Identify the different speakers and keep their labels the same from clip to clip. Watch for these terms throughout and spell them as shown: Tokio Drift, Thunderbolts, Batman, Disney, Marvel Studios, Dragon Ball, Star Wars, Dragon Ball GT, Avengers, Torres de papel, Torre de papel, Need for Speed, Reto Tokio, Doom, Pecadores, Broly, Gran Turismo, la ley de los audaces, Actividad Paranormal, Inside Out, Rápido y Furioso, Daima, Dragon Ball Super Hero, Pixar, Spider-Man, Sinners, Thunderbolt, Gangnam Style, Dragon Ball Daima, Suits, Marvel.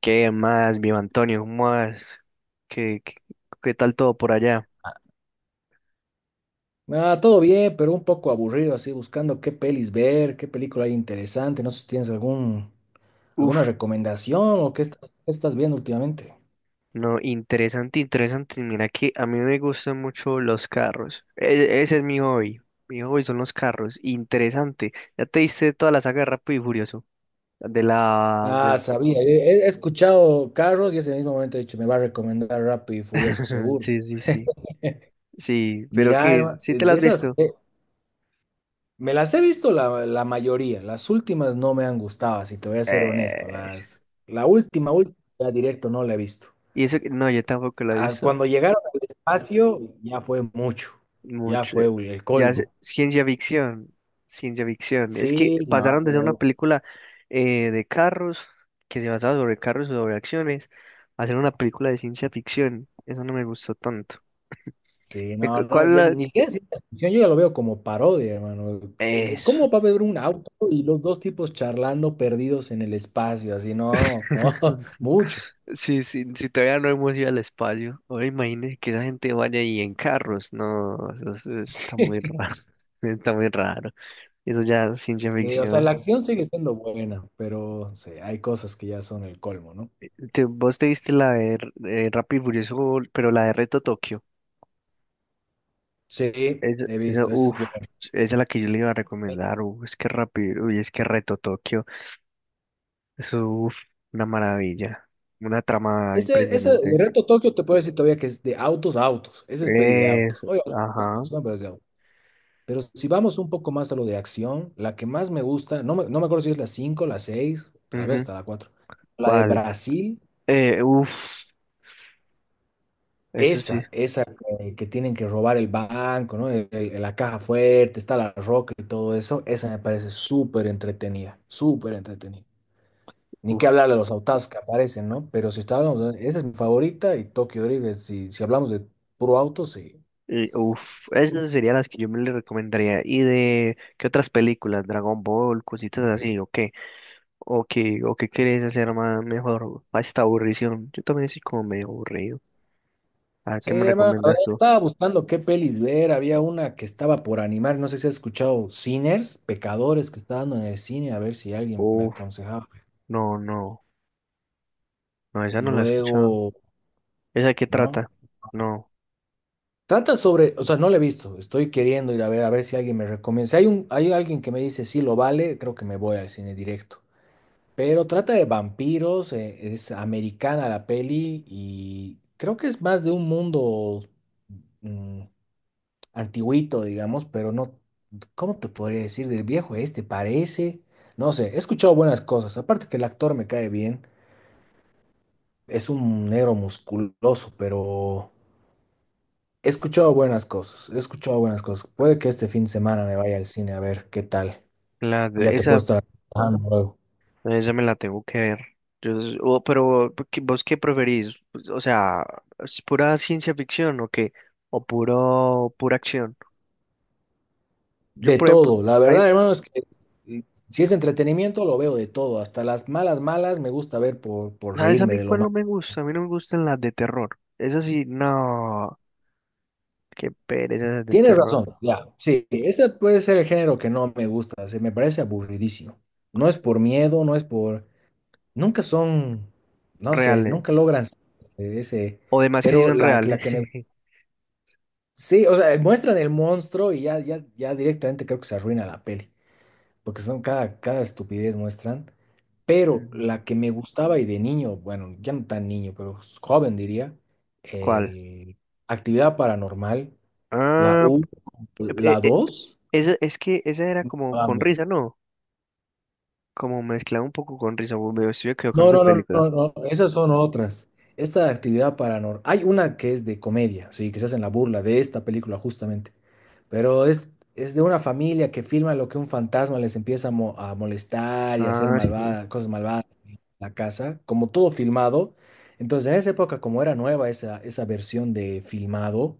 Speaker 1: ¿Qué más, mi Antonio? ¿Cómo vas? ¿Qué, qué, qué tal todo por allá?
Speaker 2: Ah, todo bien, pero un poco aburrido, así buscando qué pelis ver, qué película hay interesante. No sé si tienes alguna
Speaker 1: Uf,
Speaker 2: recomendación o qué estás viendo últimamente.
Speaker 1: no, interesante, interesante. Mira que a mí me gustan mucho los carros. Ese es mi hobby. Mi hobby son los carros. Interesante. ¿Ya te diste toda la saga de Rápido y Furioso? De la...
Speaker 2: Ah,
Speaker 1: de-
Speaker 2: sabía, he escuchado Carros y ese mismo momento he dicho, me va a recomendar Rápido y Furioso, seguro.
Speaker 1: Sí, sí, sí.
Speaker 2: Mira, Eva,
Speaker 1: ¿Sí te la
Speaker 2: de
Speaker 1: has
Speaker 2: esas,
Speaker 1: visto?
Speaker 2: me las he visto la mayoría, las últimas no me han gustado, si te voy a ser honesto.
Speaker 1: Eh...
Speaker 2: La última, última, ya directo no la he visto.
Speaker 1: Y no, yo tampoco la he
Speaker 2: Ah,
Speaker 1: visto.
Speaker 2: cuando llegaron al espacio, ya fue mucho, ya
Speaker 1: Mucho.
Speaker 2: fue el
Speaker 1: Ya sé,
Speaker 2: colmo.
Speaker 1: ciencia ficción, ciencia ficción. Es que
Speaker 2: Sí, no,
Speaker 1: pasaron de ser una
Speaker 2: pero
Speaker 1: película de carros, que se basaba sobre carros y sobre acciones, a ser una película de ciencia ficción. Eso no me gustó tanto.
Speaker 2: sí, no, no,
Speaker 1: ¿Cuál
Speaker 2: ya ni siquiera es ciencia ficción, yo ya lo veo como parodia, hermano.
Speaker 1: eso?
Speaker 2: ¿Cómo va a haber un auto y los dos tipos charlando perdidos en el espacio? Así, no, no, mucho.
Speaker 1: Sí, sí, si todavía no hemos ido al espacio. Ahora imagínese que esa gente vaya ahí en carros. No, eso está muy raro.
Speaker 2: Sí,
Speaker 1: Está muy raro. Eso ya es ciencia
Speaker 2: sí, o sea,
Speaker 1: ficción.
Speaker 2: la acción sigue siendo buena, pero sí, hay cosas que ya son el colmo, ¿no?
Speaker 1: Vos te viste la de Rápido y Furioso, pero la de Reto Tokio.
Speaker 2: Sí,
Speaker 1: Esa,
Speaker 2: he
Speaker 1: esa,
Speaker 2: visto, eso
Speaker 1: uf,
Speaker 2: es bueno.
Speaker 1: esa es la que yo le iba a recomendar. Uf, es que rápido, uy, es que Reto Tokio. Eso, uf, una maravilla. Una trama
Speaker 2: Ese de
Speaker 1: impresionante.
Speaker 2: Reto Tokio te puedo decir todavía que es de autos a autos. Ese es peli de autos.
Speaker 1: Eso,
Speaker 2: Oye, no,
Speaker 1: ajá.
Speaker 2: no, no, no, pero es de autos. Pero si vamos un poco más a lo de acción, la que más me gusta, no me acuerdo si es la 5 la 6 tal vez
Speaker 1: Ujú.
Speaker 2: hasta la cuatro. La de
Speaker 1: ¿Cuál?
Speaker 2: Brasil,
Speaker 1: Eh, uf, eso sí.
Speaker 2: esa que tienen que robar el banco, ¿no? La caja fuerte, está la roca y todo eso, esa me parece súper entretenida, súper entretenida. Ni
Speaker 1: Uf,
Speaker 2: que hablar de los autos que aparecen, ¿no? Pero si estábamos, esa es mi favorita y Tokio Drift, es- si hablamos de puro auto, sí.
Speaker 1: esas serían las que yo me le recomendaría. ¿Y de qué otras películas? Dragon Ball, cositas así, ¿o qué? ¿O qué quieres hacer más mejor a esta aburrición? Yo también soy como medio aburrido. ¿A
Speaker 2: Sí,
Speaker 1: qué me
Speaker 2: Emma, a ver,
Speaker 1: recomiendas tú?
Speaker 2: estaba buscando qué pelis ver. Había una que estaba por animar. No sé si has escuchado Sinners, Pecadores, que está dando en el cine, a ver si alguien me
Speaker 1: Uf,
Speaker 2: aconsejaba.
Speaker 1: no, no. No, esa
Speaker 2: Y
Speaker 1: no la he escuchado.
Speaker 2: luego,
Speaker 1: ¿Esa qué
Speaker 2: ¿no?
Speaker 1: trata? No,
Speaker 2: Trata sobre, o sea, no la he visto. Estoy queriendo ir a ver si alguien me recomienda. Si hay un, hay alguien que me dice sí lo vale, creo que me voy al cine directo. Pero trata de vampiros, es americana la peli y creo que es más de un mundo. mm, antiguito, digamos, pero no, ¿cómo te podría decir del viejo este? Parece, no sé, he escuchado buenas cosas, aparte que el actor me cae bien, es un negro musculoso, pero he escuchado buenas cosas, he escuchado buenas cosas. Puede que este fin de semana me vaya al cine a ver qué tal,
Speaker 1: la
Speaker 2: ya
Speaker 1: de
Speaker 2: te puedo
Speaker 1: esa,
Speaker 2: estar contando luego.
Speaker 1: esa me la tengo que ver. Yo, pero ¿vos qué preferís? Pues, o sea, ¿es pura ciencia ficción o qué? ¿O puro, pura acción? Yo,
Speaker 2: De
Speaker 1: por ejemplo,
Speaker 2: todo, la
Speaker 1: hay,
Speaker 2: verdad, hermano, es que eh, si es entretenimiento, lo veo de todo, hasta las malas, malas, me gusta ver por
Speaker 1: ¿sabes a
Speaker 2: reírme
Speaker 1: mí
Speaker 2: de lo
Speaker 1: cuál no
Speaker 2: malo.
Speaker 1: me gusta? A mí no me gustan las de terror. Esas sí, no, qué pereza esas de
Speaker 2: Tienes
Speaker 1: terror.
Speaker 2: razón, ya, sí, ese puede ser el género que no me gusta, se me parece aburridísimo. No es por miedo, no es por... Nunca son, no sé,
Speaker 1: Reales.
Speaker 2: nunca logran ese,
Speaker 1: O demás que sí
Speaker 2: pero
Speaker 1: son
Speaker 2: la
Speaker 1: reales.
Speaker 2: que me... Sí, o sea, muestran el monstruo y ya, ya, ya directamente creo que se arruina la peli, porque son cada, cada estupidez muestran, pero
Speaker 1: Ujú.
Speaker 2: la que me gustaba y de niño, bueno, ya no tan niño, pero joven diría,
Speaker 1: ¿Cuál?
Speaker 2: el Actividad Paranormal, la
Speaker 1: Ah,
Speaker 2: U,
Speaker 1: p- eh,
Speaker 2: la
Speaker 1: eh,
Speaker 2: 2.
Speaker 1: esa, es que esa era como con
Speaker 2: Vamos.
Speaker 1: risa, ¿no? Como mezclado un poco con risa, me estoy
Speaker 2: No,
Speaker 1: equivocando de
Speaker 2: no, no,
Speaker 1: película.
Speaker 2: no, no, esas son otras. Esta actividad paranormal, hay una que es de comedia, sí, que se hacen la burla de esta película justamente, pero es de una familia que filma lo que un fantasma les empieza a, mo- a molestar y a hacer
Speaker 1: Ah, sí.
Speaker 2: malvada, cosas malvadas en la casa, como todo filmado. Entonces, en esa época, como era nueva esa, esa versión de filmado,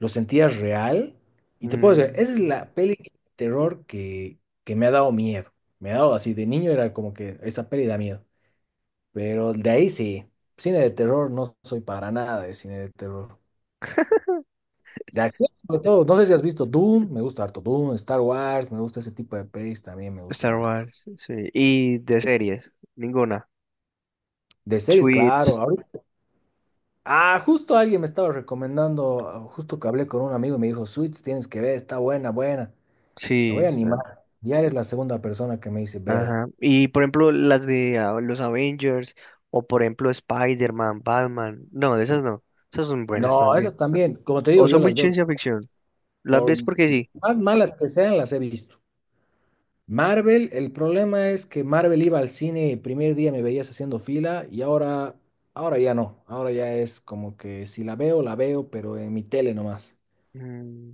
Speaker 2: lo sentías real y te puedo decir,
Speaker 1: Mm.
Speaker 2: esa es la peli de terror que me ha dado miedo. Me ha dado así, de niño era como que esa peli da miedo. Pero de ahí sí, cine de terror no soy para nada de cine de terror. De acción sobre todo, no sé si has visto Doom, me gusta harto Doom, Star Wars, me gusta ese tipo de pelis, también me
Speaker 1: Star
Speaker 2: gusta harto.
Speaker 1: Wars, sí. Y de series, ninguna.
Speaker 2: De series, claro.
Speaker 1: Tweets,
Speaker 2: Ahorita- ah, justo alguien me estaba recomendando, ah, justo que hablé con un amigo y me dijo, Suits, tienes que ver, está buena, buena. Me
Speaker 1: sí,
Speaker 2: voy a
Speaker 1: está.
Speaker 2: animar. Ya eres la segunda persona que me dice, vela.
Speaker 1: Ajá. Y por ejemplo, las de los Avengers, o por ejemplo, Spider-Man, Batman. No, de esas no. Esas son buenas
Speaker 2: No,
Speaker 1: también.
Speaker 2: esas también, como te digo,
Speaker 1: O
Speaker 2: yo
Speaker 1: son muy
Speaker 2: las veo,
Speaker 1: ciencia ficción. Las
Speaker 2: por
Speaker 1: ves porque sí.
Speaker 2: más malas que sean, las he visto. Marvel, el problema es que Marvel iba al cine, el primer día me veías haciendo fila y ahora, ahora ya no. Ahora ya es como que si la veo, la veo, pero en mi tele nomás.
Speaker 1: Mm,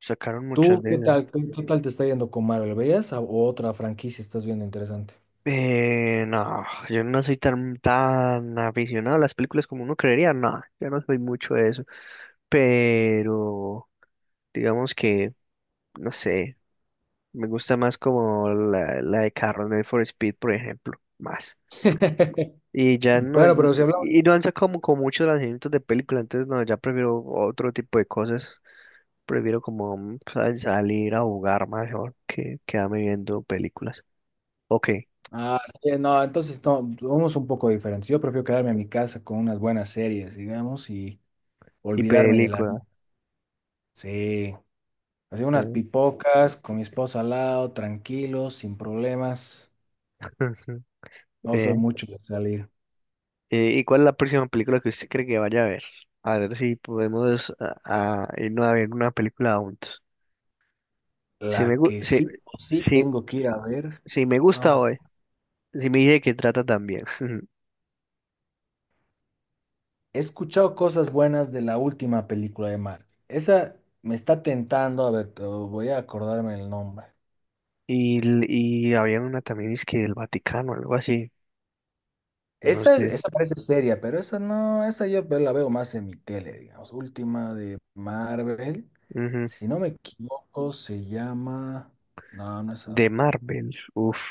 Speaker 1: sacaron muchas
Speaker 2: ¿Tú qué
Speaker 1: veces.
Speaker 2: tal? Qué tal te está yendo con Marvel? ¿Veías a- o otra franquicia estás viendo interesante?
Speaker 1: No, yo no soy tan aficionado a las películas como uno creería, no, yo no soy mucho de eso, pero digamos que, no sé, me gusta más como la de Carro Need for Speed, por ejemplo, más. Y ya no,
Speaker 2: Bueno, pero si hablamos.
Speaker 1: y no han sacado como, como muchos lanzamientos de película, entonces no, ya prefiero otro tipo de cosas, prefiero como salir a jugar mejor que quedarme viendo películas. Ok,
Speaker 2: Ah, sí, no, entonces no, somos un poco diferentes. Yo prefiero quedarme en mi casa con unas buenas series, digamos, y
Speaker 1: y
Speaker 2: olvidarme de la vida.
Speaker 1: película.
Speaker 2: Sí, así unas pipocas con mi esposa al lado, tranquilos, sin problemas. No
Speaker 1: eh,
Speaker 2: soy mucho de salir.
Speaker 1: ¿Y cuál es la próxima película que usted cree que vaya a ver? A ver si podemos a irnos a ver una película juntos.
Speaker 2: La
Speaker 1: Si
Speaker 2: que sí o sí
Speaker 1: si,
Speaker 2: tengo que ir a ver.
Speaker 1: si me gusta
Speaker 2: Ah,
Speaker 1: hoy, si me dice que trata también.
Speaker 2: he escuchado cosas buenas de la última película de Marvel. Esa me está tentando, a ver, te- voy a acordarme el nombre.
Speaker 1: Y había una también, es que del Vaticano, algo así. No
Speaker 2: Esa,
Speaker 1: sé.
Speaker 2: esa parece seria, pero esa no, esa yo ve- la veo más en mi tele, digamos. Última de Marvel.
Speaker 1: Ujú.
Speaker 2: Si no me equivoco, se llama. No, no es
Speaker 1: De
Speaker 2: algo.
Speaker 1: Marvel. Uf.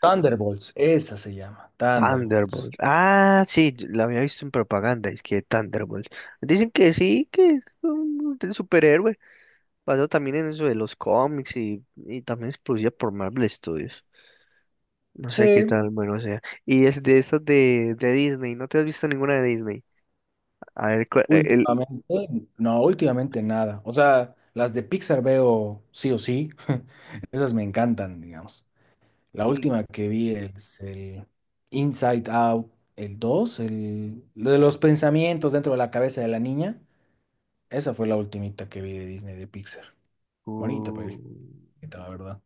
Speaker 2: Thunderbolts, esa se llama. Thunderbolts.
Speaker 1: Thunderbolt. Ah, sí, yo la había visto en propaganda, es que Thunderbolt. Dicen que sí, que es un superhéroe. Pasó también en eso de los cómics y también es producida por Marvel Studios. No sé qué
Speaker 2: Sí,
Speaker 1: tal, bueno, o sea. Y es de estas de Disney. ¿No te has visto ninguna de Disney? A ver, el...
Speaker 2: últimamente, no, últimamente nada. O sea, las de Pixar veo sí o sí. Esas me encantan, digamos. La
Speaker 1: Y,
Speaker 2: última que vi es el Inside Out, el 2 el lo de los pensamientos dentro de la cabeza de la niña. Esa fue la ultimita que vi de Disney de Pixar. Bonita
Speaker 1: uh,
Speaker 2: peli, bonita, la verdad.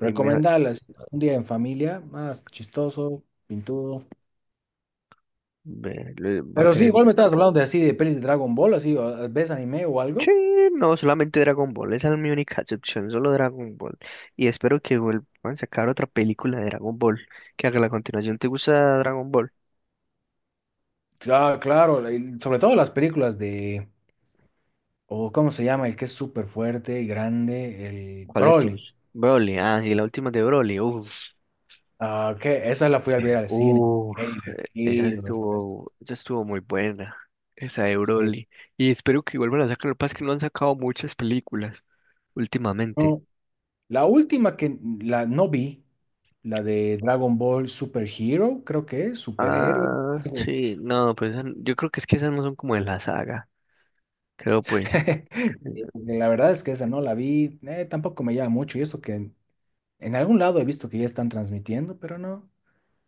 Speaker 1: y me,
Speaker 2: si no, un día en familia, más chistoso, pintudo.
Speaker 1: Va a
Speaker 2: Pero sí,
Speaker 1: tener...
Speaker 2: igual me estabas hablando de así de pelis de Dragon Ball, así, o- ¿ves anime o
Speaker 1: Sí,
Speaker 2: algo?
Speaker 1: no, solamente Dragon Ball, esa no es mi única excepción, solo Dragon Ball. Y espero que vuelvan a sacar otra película de Dragon Ball, que haga la continuación. ¿Te gusta Dragon Ball?
Speaker 2: Ah, claro, el- sobre todo las películas de, o ¿cómo se llama? El que es súper fuerte y grande, el
Speaker 1: ¿Cuál de
Speaker 2: Broly.
Speaker 1: todos? Broly, ah, sí, la última de Broly, uff.
Speaker 2: Ah, que esa la fui a ver al cine. Qué divertido me fue esto.
Speaker 1: Esa estuvo muy buena, esa de
Speaker 2: Sí.
Speaker 1: Broly. Y espero que vuelvan a sacar. Lo que pasa es que no han sacado muchas películas últimamente.
Speaker 2: No, la última que la no vi, la de Dragon Ball Super Hero, creo que es, superhéroe.
Speaker 1: Ah,
Speaker 2: Algo.
Speaker 1: sí, no, pues esa, yo creo que es que esas no son como de la saga. Creo pues.
Speaker 2: La verdad es que esa no la vi, tampoco me llama mucho y eso que en algún lado he visto que ya están transmitiendo, pero no.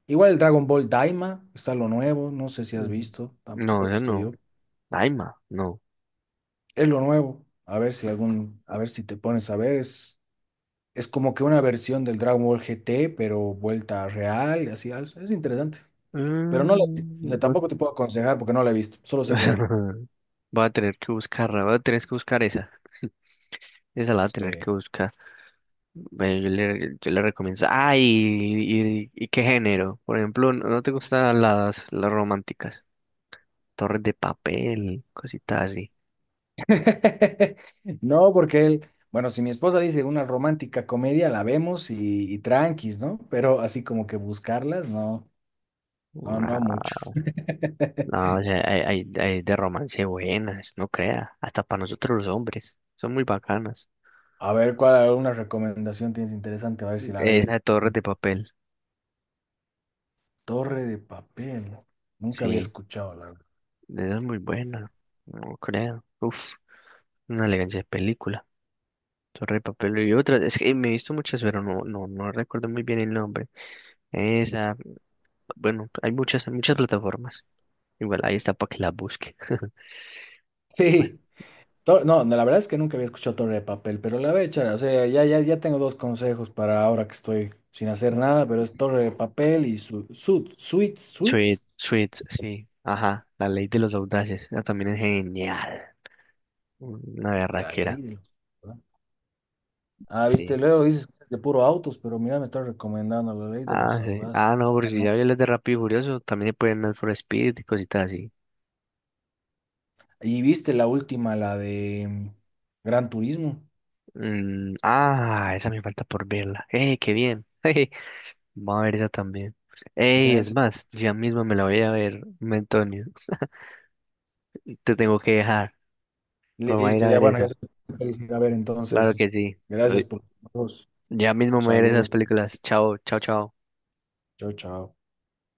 Speaker 2: Igual el Dragon Ball Daima está lo nuevo, no sé si has
Speaker 1: Ujú.
Speaker 2: visto, tampoco he
Speaker 1: No, esa
Speaker 2: visto yo.
Speaker 1: no. Daima, no.
Speaker 2: Es lo nuevo. A ver si algún, a ver si te pones a ver, es como que una versión del Dragon Ball GT, pero vuelta real, y así, es interesante. Pero no lo, o
Speaker 1: Mm,
Speaker 2: sea,
Speaker 1: va-
Speaker 2: tampoco te puedo aconsejar porque no la he visto, solo sé que hay.
Speaker 1: Voy a tener que buscarla, voy a tener que buscar esa. Esa la voy a tener
Speaker 2: Sí.
Speaker 1: que buscar. Bueno, yo yo le recomiendo. Y qué género. Por ejemplo, ¿ no te gustan las románticas? Torres de papel, cositas así.
Speaker 2: No, porque él, bueno, si mi esposa dice una romántica comedia, la vemos y tranquis, ¿no? Pero así como que buscarlas, no, no, no mucho.
Speaker 1: Ah, no, o sea, hay, hay de romance buenas, no crea. Hasta para nosotros los hombres. Son muy bacanas.
Speaker 2: A ver, ¿cuál alguna recomendación tienes interesante? A ver si la veo.
Speaker 1: Esa de
Speaker 2: Este
Speaker 1: Torres
Speaker 2: fin.
Speaker 1: de papel.
Speaker 2: Torre de papel. Nunca había
Speaker 1: Sí,
Speaker 2: escuchado, la verdad.
Speaker 1: esa es muy buena. No creo. Uf, una elegancia de película. Torres de papel y otras. Es que me he visto muchas, pero no, no, no recuerdo muy bien el nombre. Esa. Bueno, hay muchas, muchas plataformas. Igual ahí está para que la busque.
Speaker 2: Sí. Tor- no, no, la verdad es que nunca había escuchado Torre de papel, pero la voy a echar. O sea, ya, ya, ya tengo dos consejos para ahora que estoy sin hacer nada, pero es Torre de papel y Suits,
Speaker 1: Sweet,
Speaker 2: Suits.
Speaker 1: Sweet, sí. Ajá, la ley de los audaces. Ah, también es genial. Una
Speaker 2: La ley
Speaker 1: berraquera.
Speaker 2: de los. ¿Verdad? Ah, viste,
Speaker 1: Sí.
Speaker 2: luego dices que es de puro autos, pero mira, me estás recomendando la ley de
Speaker 1: Ah,
Speaker 2: los
Speaker 1: sí.
Speaker 2: audaces.
Speaker 1: Ah, no, porque si
Speaker 2: ¿No?
Speaker 1: ya vi los de Rápido y Furioso, también se pueden Need for Speed y cositas así.
Speaker 2: Y viste la última, la de Gran Turismo.
Speaker 1: Mm, ah, esa me falta por verla. ¡Eh, qué bien! Jeje, vamos a ver esa también.
Speaker 2: O
Speaker 1: ¡Ey,
Speaker 2: sea,
Speaker 1: es
Speaker 2: es-
Speaker 1: más! Ya mismo me la voy a ver, Antonio. Te tengo que dejar. Pero vamos a ir
Speaker 2: listo,
Speaker 1: a
Speaker 2: ya
Speaker 1: ver
Speaker 2: bueno, ya
Speaker 1: esa.
Speaker 2: se puede a ver
Speaker 1: Claro
Speaker 2: entonces.
Speaker 1: que sí.
Speaker 2: Gracias por todos.
Speaker 1: Ya mismo me veré esas
Speaker 2: Saludos.
Speaker 1: películas. Chao, chao, chao.
Speaker 2: Chao, chao.